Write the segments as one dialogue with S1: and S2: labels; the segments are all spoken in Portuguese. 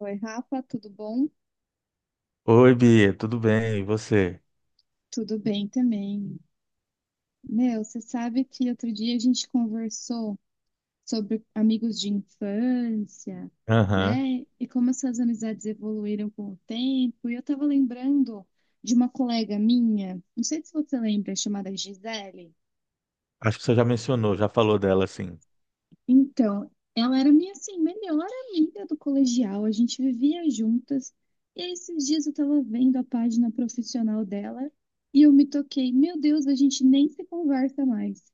S1: Oi, Rafa, tudo bom?
S2: Oi, Bia, tudo bem? E você?
S1: Tudo bem também. Meu, você sabe que outro dia a gente conversou sobre amigos de infância,
S2: Aham.
S1: né? E como essas amizades evoluíram com o tempo. E eu tava lembrando de uma colega minha, não sei se você lembra, chamada Gisele.
S2: Acho que você já mencionou, já falou dela, assim.
S1: Então, ela era minha, assim, melhor amiga do colegial, a gente vivia juntas. E aí, esses dias eu tava vendo a página profissional dela e eu me toquei, meu Deus, a gente nem se conversa mais.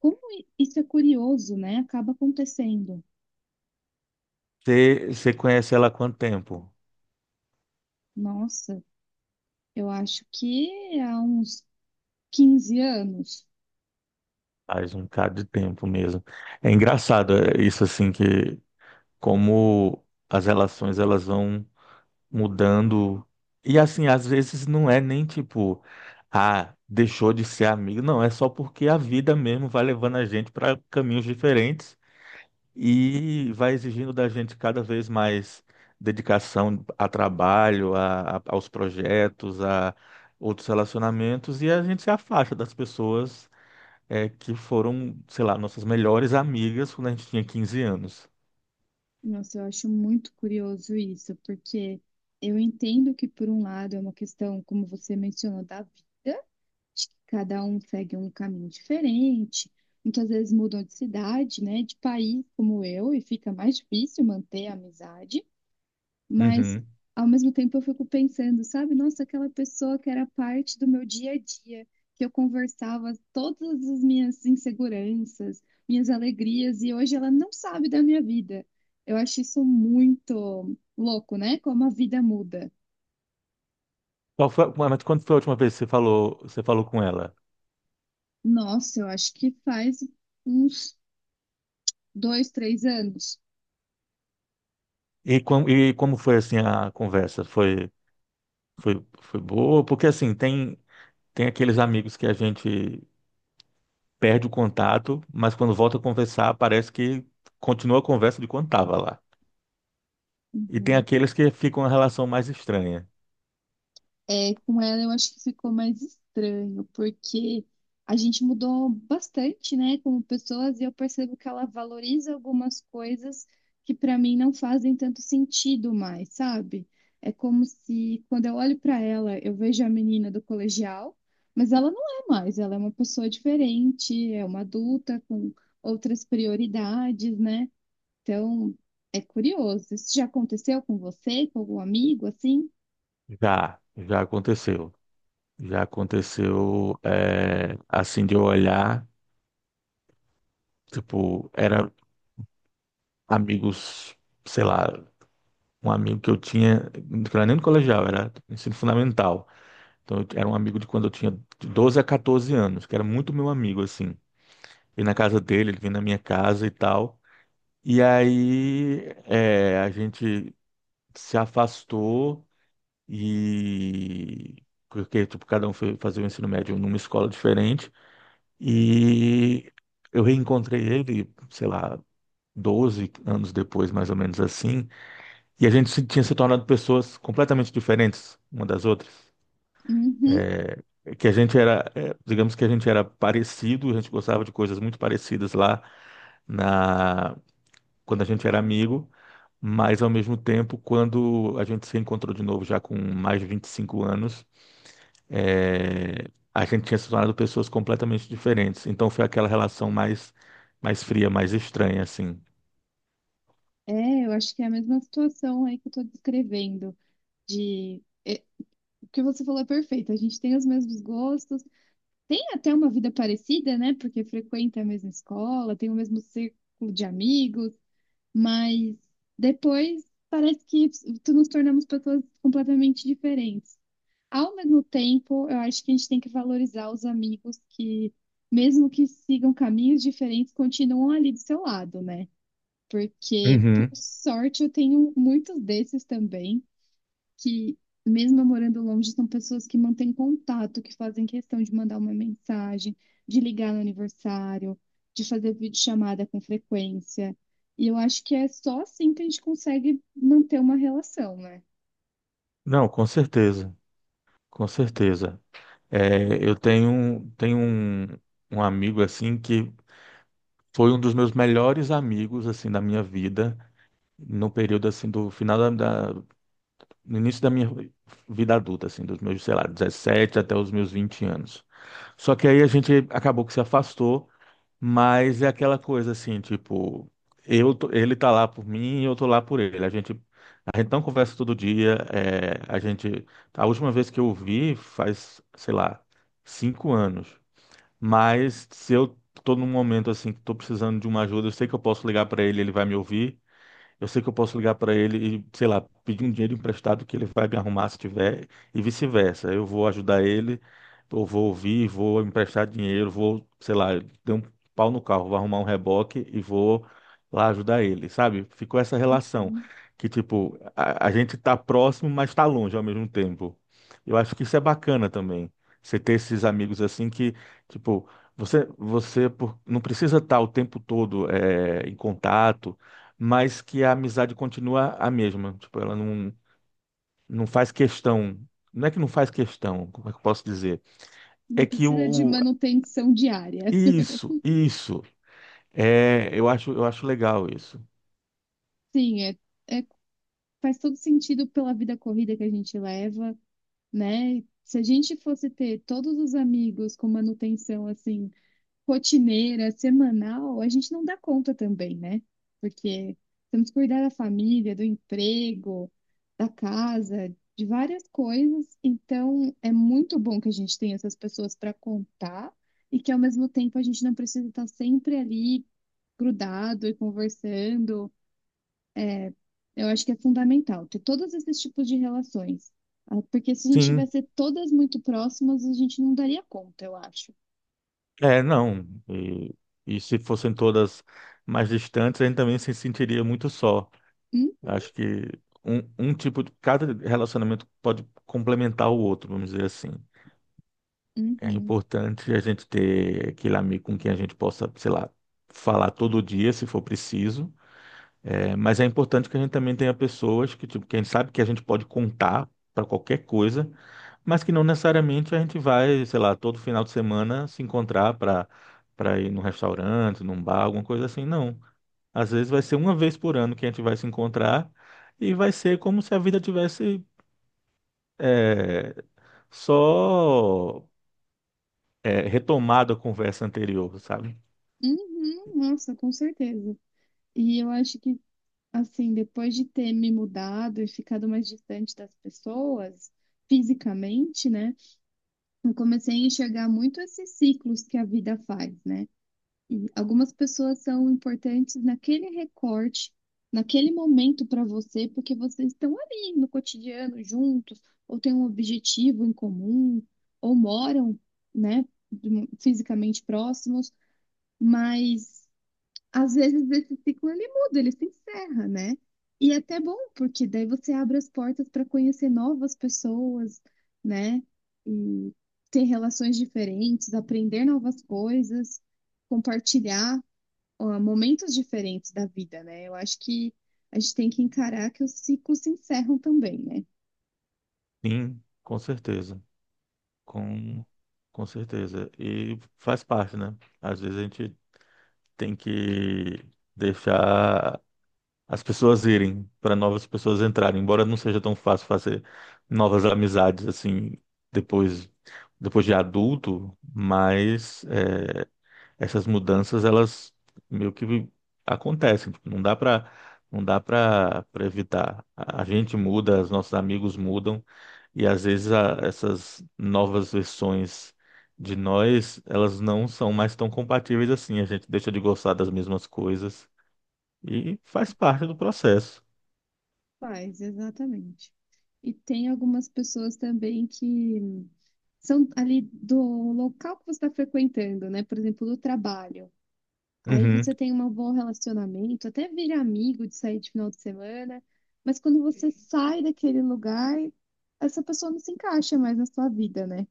S1: Como isso é curioso, né? Acaba acontecendo.
S2: Você conhece ela há quanto tempo?
S1: Nossa, eu acho que há uns 15 anos.
S2: Faz um bocado de tempo mesmo. É engraçado isso, assim, que como as relações elas vão mudando. E, assim, às vezes não é nem tipo, ah, deixou de ser amigo. Não, é só porque a vida mesmo vai levando a gente para caminhos diferentes. E vai exigindo da gente cada vez mais dedicação a trabalho, aos projetos, a outros relacionamentos, e a gente se afasta das pessoas é, que foram, sei lá, nossas melhores amigas quando a gente tinha 15 anos.
S1: Nossa, eu acho muito curioso isso, porque eu entendo que, por um lado, é uma questão, como você mencionou, da vida. Acho que cada um segue um caminho diferente, muitas vezes mudam de cidade, né, de país, como eu, e fica mais difícil manter a amizade. Mas,
S2: Uhum.
S1: ao mesmo tempo, eu fico pensando, sabe, nossa, aquela pessoa que era parte do meu dia a dia, que eu conversava todas as minhas inseguranças, minhas alegrias, e hoje ela não sabe da minha vida. Eu acho isso muito louco, né? Como a vida muda.
S2: Qual foi, mas quando foi a última vez que você falou com ela?
S1: Nossa, eu acho que faz uns 2, 3 anos.
S2: E como foi assim a conversa? Foi boa? Porque assim, tem, tem aqueles amigos que a gente perde o contato, mas quando volta a conversar, parece que continua a conversa de quando estava lá. E tem
S1: Uhum.
S2: aqueles que ficam uma relação mais estranha.
S1: É, com ela eu acho que ficou mais estranho, porque a gente mudou bastante, né, como pessoas, e eu percebo que ela valoriza algumas coisas que pra mim não fazem tanto sentido mais, sabe? É como se quando eu olho pra ela, eu vejo a menina do colegial, mas ela não é mais, ela é uma pessoa diferente, é uma adulta com outras prioridades, né? Então, é curioso. Isso já aconteceu com você, com algum amigo assim?
S2: Já aconteceu. Já aconteceu, é, assim, de eu olhar, tipo, era amigos, sei lá, um amigo que eu tinha, não era nem no colegial, era ensino fundamental. Então, eu era um amigo de quando eu tinha de 12 a 14 anos, que era muito meu amigo, assim. E na casa dele, ele vinha na minha casa e tal. E aí é, a gente se afastou e porque tipo, cada um foi fazer o ensino médio numa escola diferente e eu reencontrei ele, sei lá, 12 anos depois, mais ou menos assim, e a gente tinha se tornado pessoas completamente diferentes uma das outras.
S1: Uhum.
S2: É, que a gente era, é, digamos que a gente era parecido, a gente gostava de coisas muito parecidas lá na quando a gente era amigo, mas ao mesmo tempo, quando a gente se encontrou de novo, já com mais de 25 anos, é, a gente tinha se tornado pessoas completamente diferentes. Então foi aquela relação mais, mais fria, mais estranha, assim.
S1: É, eu acho que é a mesma situação aí que eu tô descrevendo, de... o que você falou é perfeito, a gente tem os mesmos gostos, tem até uma vida parecida, né? Porque frequenta a mesma escola, tem o mesmo círculo de amigos, mas depois parece que tu nos tornamos pessoas completamente diferentes. Ao mesmo tempo, eu acho que a gente tem que valorizar os amigos que, mesmo que sigam caminhos diferentes, continuam ali do seu lado, né? Porque, por
S2: Uhum.
S1: sorte, eu tenho muitos desses também, que, mesmo eu morando longe, são pessoas que mantêm contato, que fazem questão de mandar uma mensagem, de ligar no aniversário, de fazer videochamada com frequência. E eu acho que é só assim que a gente consegue manter uma relação, né?
S2: Não, com certeza, com certeza. É, eu tenho, um amigo assim que foi um dos meus melhores amigos assim da minha vida no período assim do final da- no início da minha vida adulta, assim, dos meus, sei lá, 17 até os meus 20 anos. Só que aí a gente acabou que se afastou, mas é aquela coisa assim, tipo, ele tá lá por mim e eu tô lá por ele. A gente não conversa todo dia, é, a última vez que eu o vi faz, sei lá, 5 anos. Mas se eu tô num momento assim que tô precisando de uma ajuda, eu sei que eu posso ligar para ele, ele vai me ouvir. Eu sei que eu posso ligar para ele e, sei lá, pedir um dinheiro emprestado que ele vai me arrumar se tiver, e vice-versa. Eu vou ajudar ele, eu vou ouvir, vou emprestar dinheiro, vou, sei lá, dar um pau no carro, vou arrumar um reboque e vou lá ajudar ele, sabe? Ficou essa relação que, tipo, a gente tá próximo, mas tá longe ao mesmo tempo. Eu acho que isso é bacana também. Você ter esses amigos assim que, tipo, não precisa estar o tempo todo em contato, mas que a amizade continua a mesma. Tipo, ela não faz questão. Não é que não faz questão, como é que eu posso dizer? É
S1: Não
S2: que
S1: precisa de
S2: o.
S1: manutenção diária.
S2: Isso, isso. É, eu acho legal isso.
S1: Sim, é- faz todo sentido pela vida corrida que a gente leva, né? Se a gente fosse ter todos os amigos com manutenção assim, rotineira, semanal, a gente não dá conta também, né? Porque temos que cuidar da família, do emprego, da casa, de várias coisas. Então, é muito bom que a gente tenha essas pessoas para contar e que ao mesmo tempo a gente não precisa estar sempre ali grudado e conversando. Eu acho que é fundamental ter todos esses tipos de relações. Ah, porque se a gente
S2: Sim,
S1: tivesse todas muito próximas, a gente não daria conta, eu acho.
S2: é, não. E se fossem todas mais distantes, a gente também se sentiria muito só.
S1: Hum?
S2: Acho que um tipo de. Cada relacionamento pode complementar o outro, vamos dizer assim. É
S1: Uhum.
S2: importante a gente ter aquele amigo com quem a gente possa, sei lá, falar todo dia, se for preciso. É, mas é importante que a gente também tenha pessoas que, tipo, que a gente sabe que a gente pode contar para qualquer coisa, mas que não necessariamente a gente vai, sei lá, todo final de semana se encontrar para ir num restaurante, num bar, alguma coisa assim. Não. Às vezes vai ser uma vez por ano que a gente vai se encontrar e vai ser como se a vida tivesse, é, só é, retomado a conversa anterior, sabe?
S1: Uhum. Nossa, com certeza. E eu acho que, assim, depois de ter me mudado e ficado mais distante das pessoas, fisicamente, né? Eu comecei a enxergar muito esses ciclos que a vida faz, né? E algumas pessoas são importantes naquele recorte, naquele momento para você, porque vocês estão ali no cotidiano juntos, ou têm um objetivo em comum, ou moram, né, fisicamente próximos, mas às vezes esse ciclo ele muda, ele se encerra, né? E é até bom, porque daí você abre as portas para conhecer novas pessoas, né? E ter relações diferentes, aprender novas coisas, compartilhar ó, momentos diferentes da vida, né? Eu acho que a gente tem que encarar que os ciclos se encerram também, né?
S2: Sim, com certeza. Com, com certeza. E faz parte, né? Às vezes a gente tem que deixar as pessoas irem para novas pessoas entrarem, embora não seja tão fácil fazer novas amizades assim depois depois de adulto, mas é, essas mudanças elas meio que acontecem, tipo, não dá para evitar. A gente muda, os nossos amigos mudam e às vezes essas novas versões de nós, elas não são mais tão compatíveis assim, a gente deixa de gostar das mesmas coisas e faz parte do processo.
S1: Faz, exatamente. E tem algumas pessoas também que são ali do local que você está frequentando, né? Por exemplo, do trabalho. Aí
S2: Uhum,
S1: você tem um bom relacionamento, até vira amigo de sair de final de semana, mas quando você sai daquele lugar, essa pessoa não se encaixa mais na sua vida, né?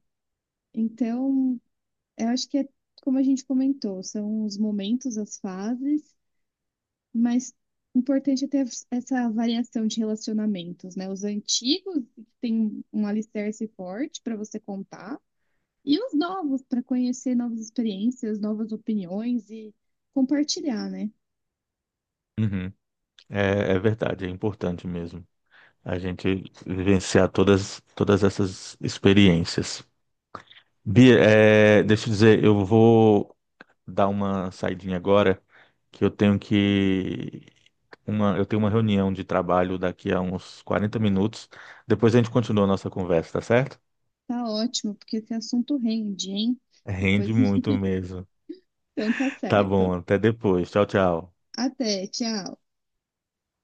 S1: Então, eu acho que é como a gente comentou, são os momentos, as fases, mas o importante é ter essa variação de relacionamentos, né? Os antigos, que tem um alicerce forte para você contar, e os novos, para conhecer novas experiências, novas opiniões e compartilhar, né?
S2: uhum. É, é verdade, é importante mesmo a gente vivenciar todas essas experiências. Bia, é, deixa eu dizer, eu vou dar uma saidinha agora, que eu tenho uma reunião de trabalho daqui a uns 40 minutos. Depois a gente continua a nossa conversa, tá certo?
S1: Tá ótimo, porque esse assunto rende, hein? Depois,
S2: Rende muito mesmo.
S1: então tá
S2: Tá
S1: certo.
S2: bom, até depois. Tchau, tchau.
S1: Até, tchau.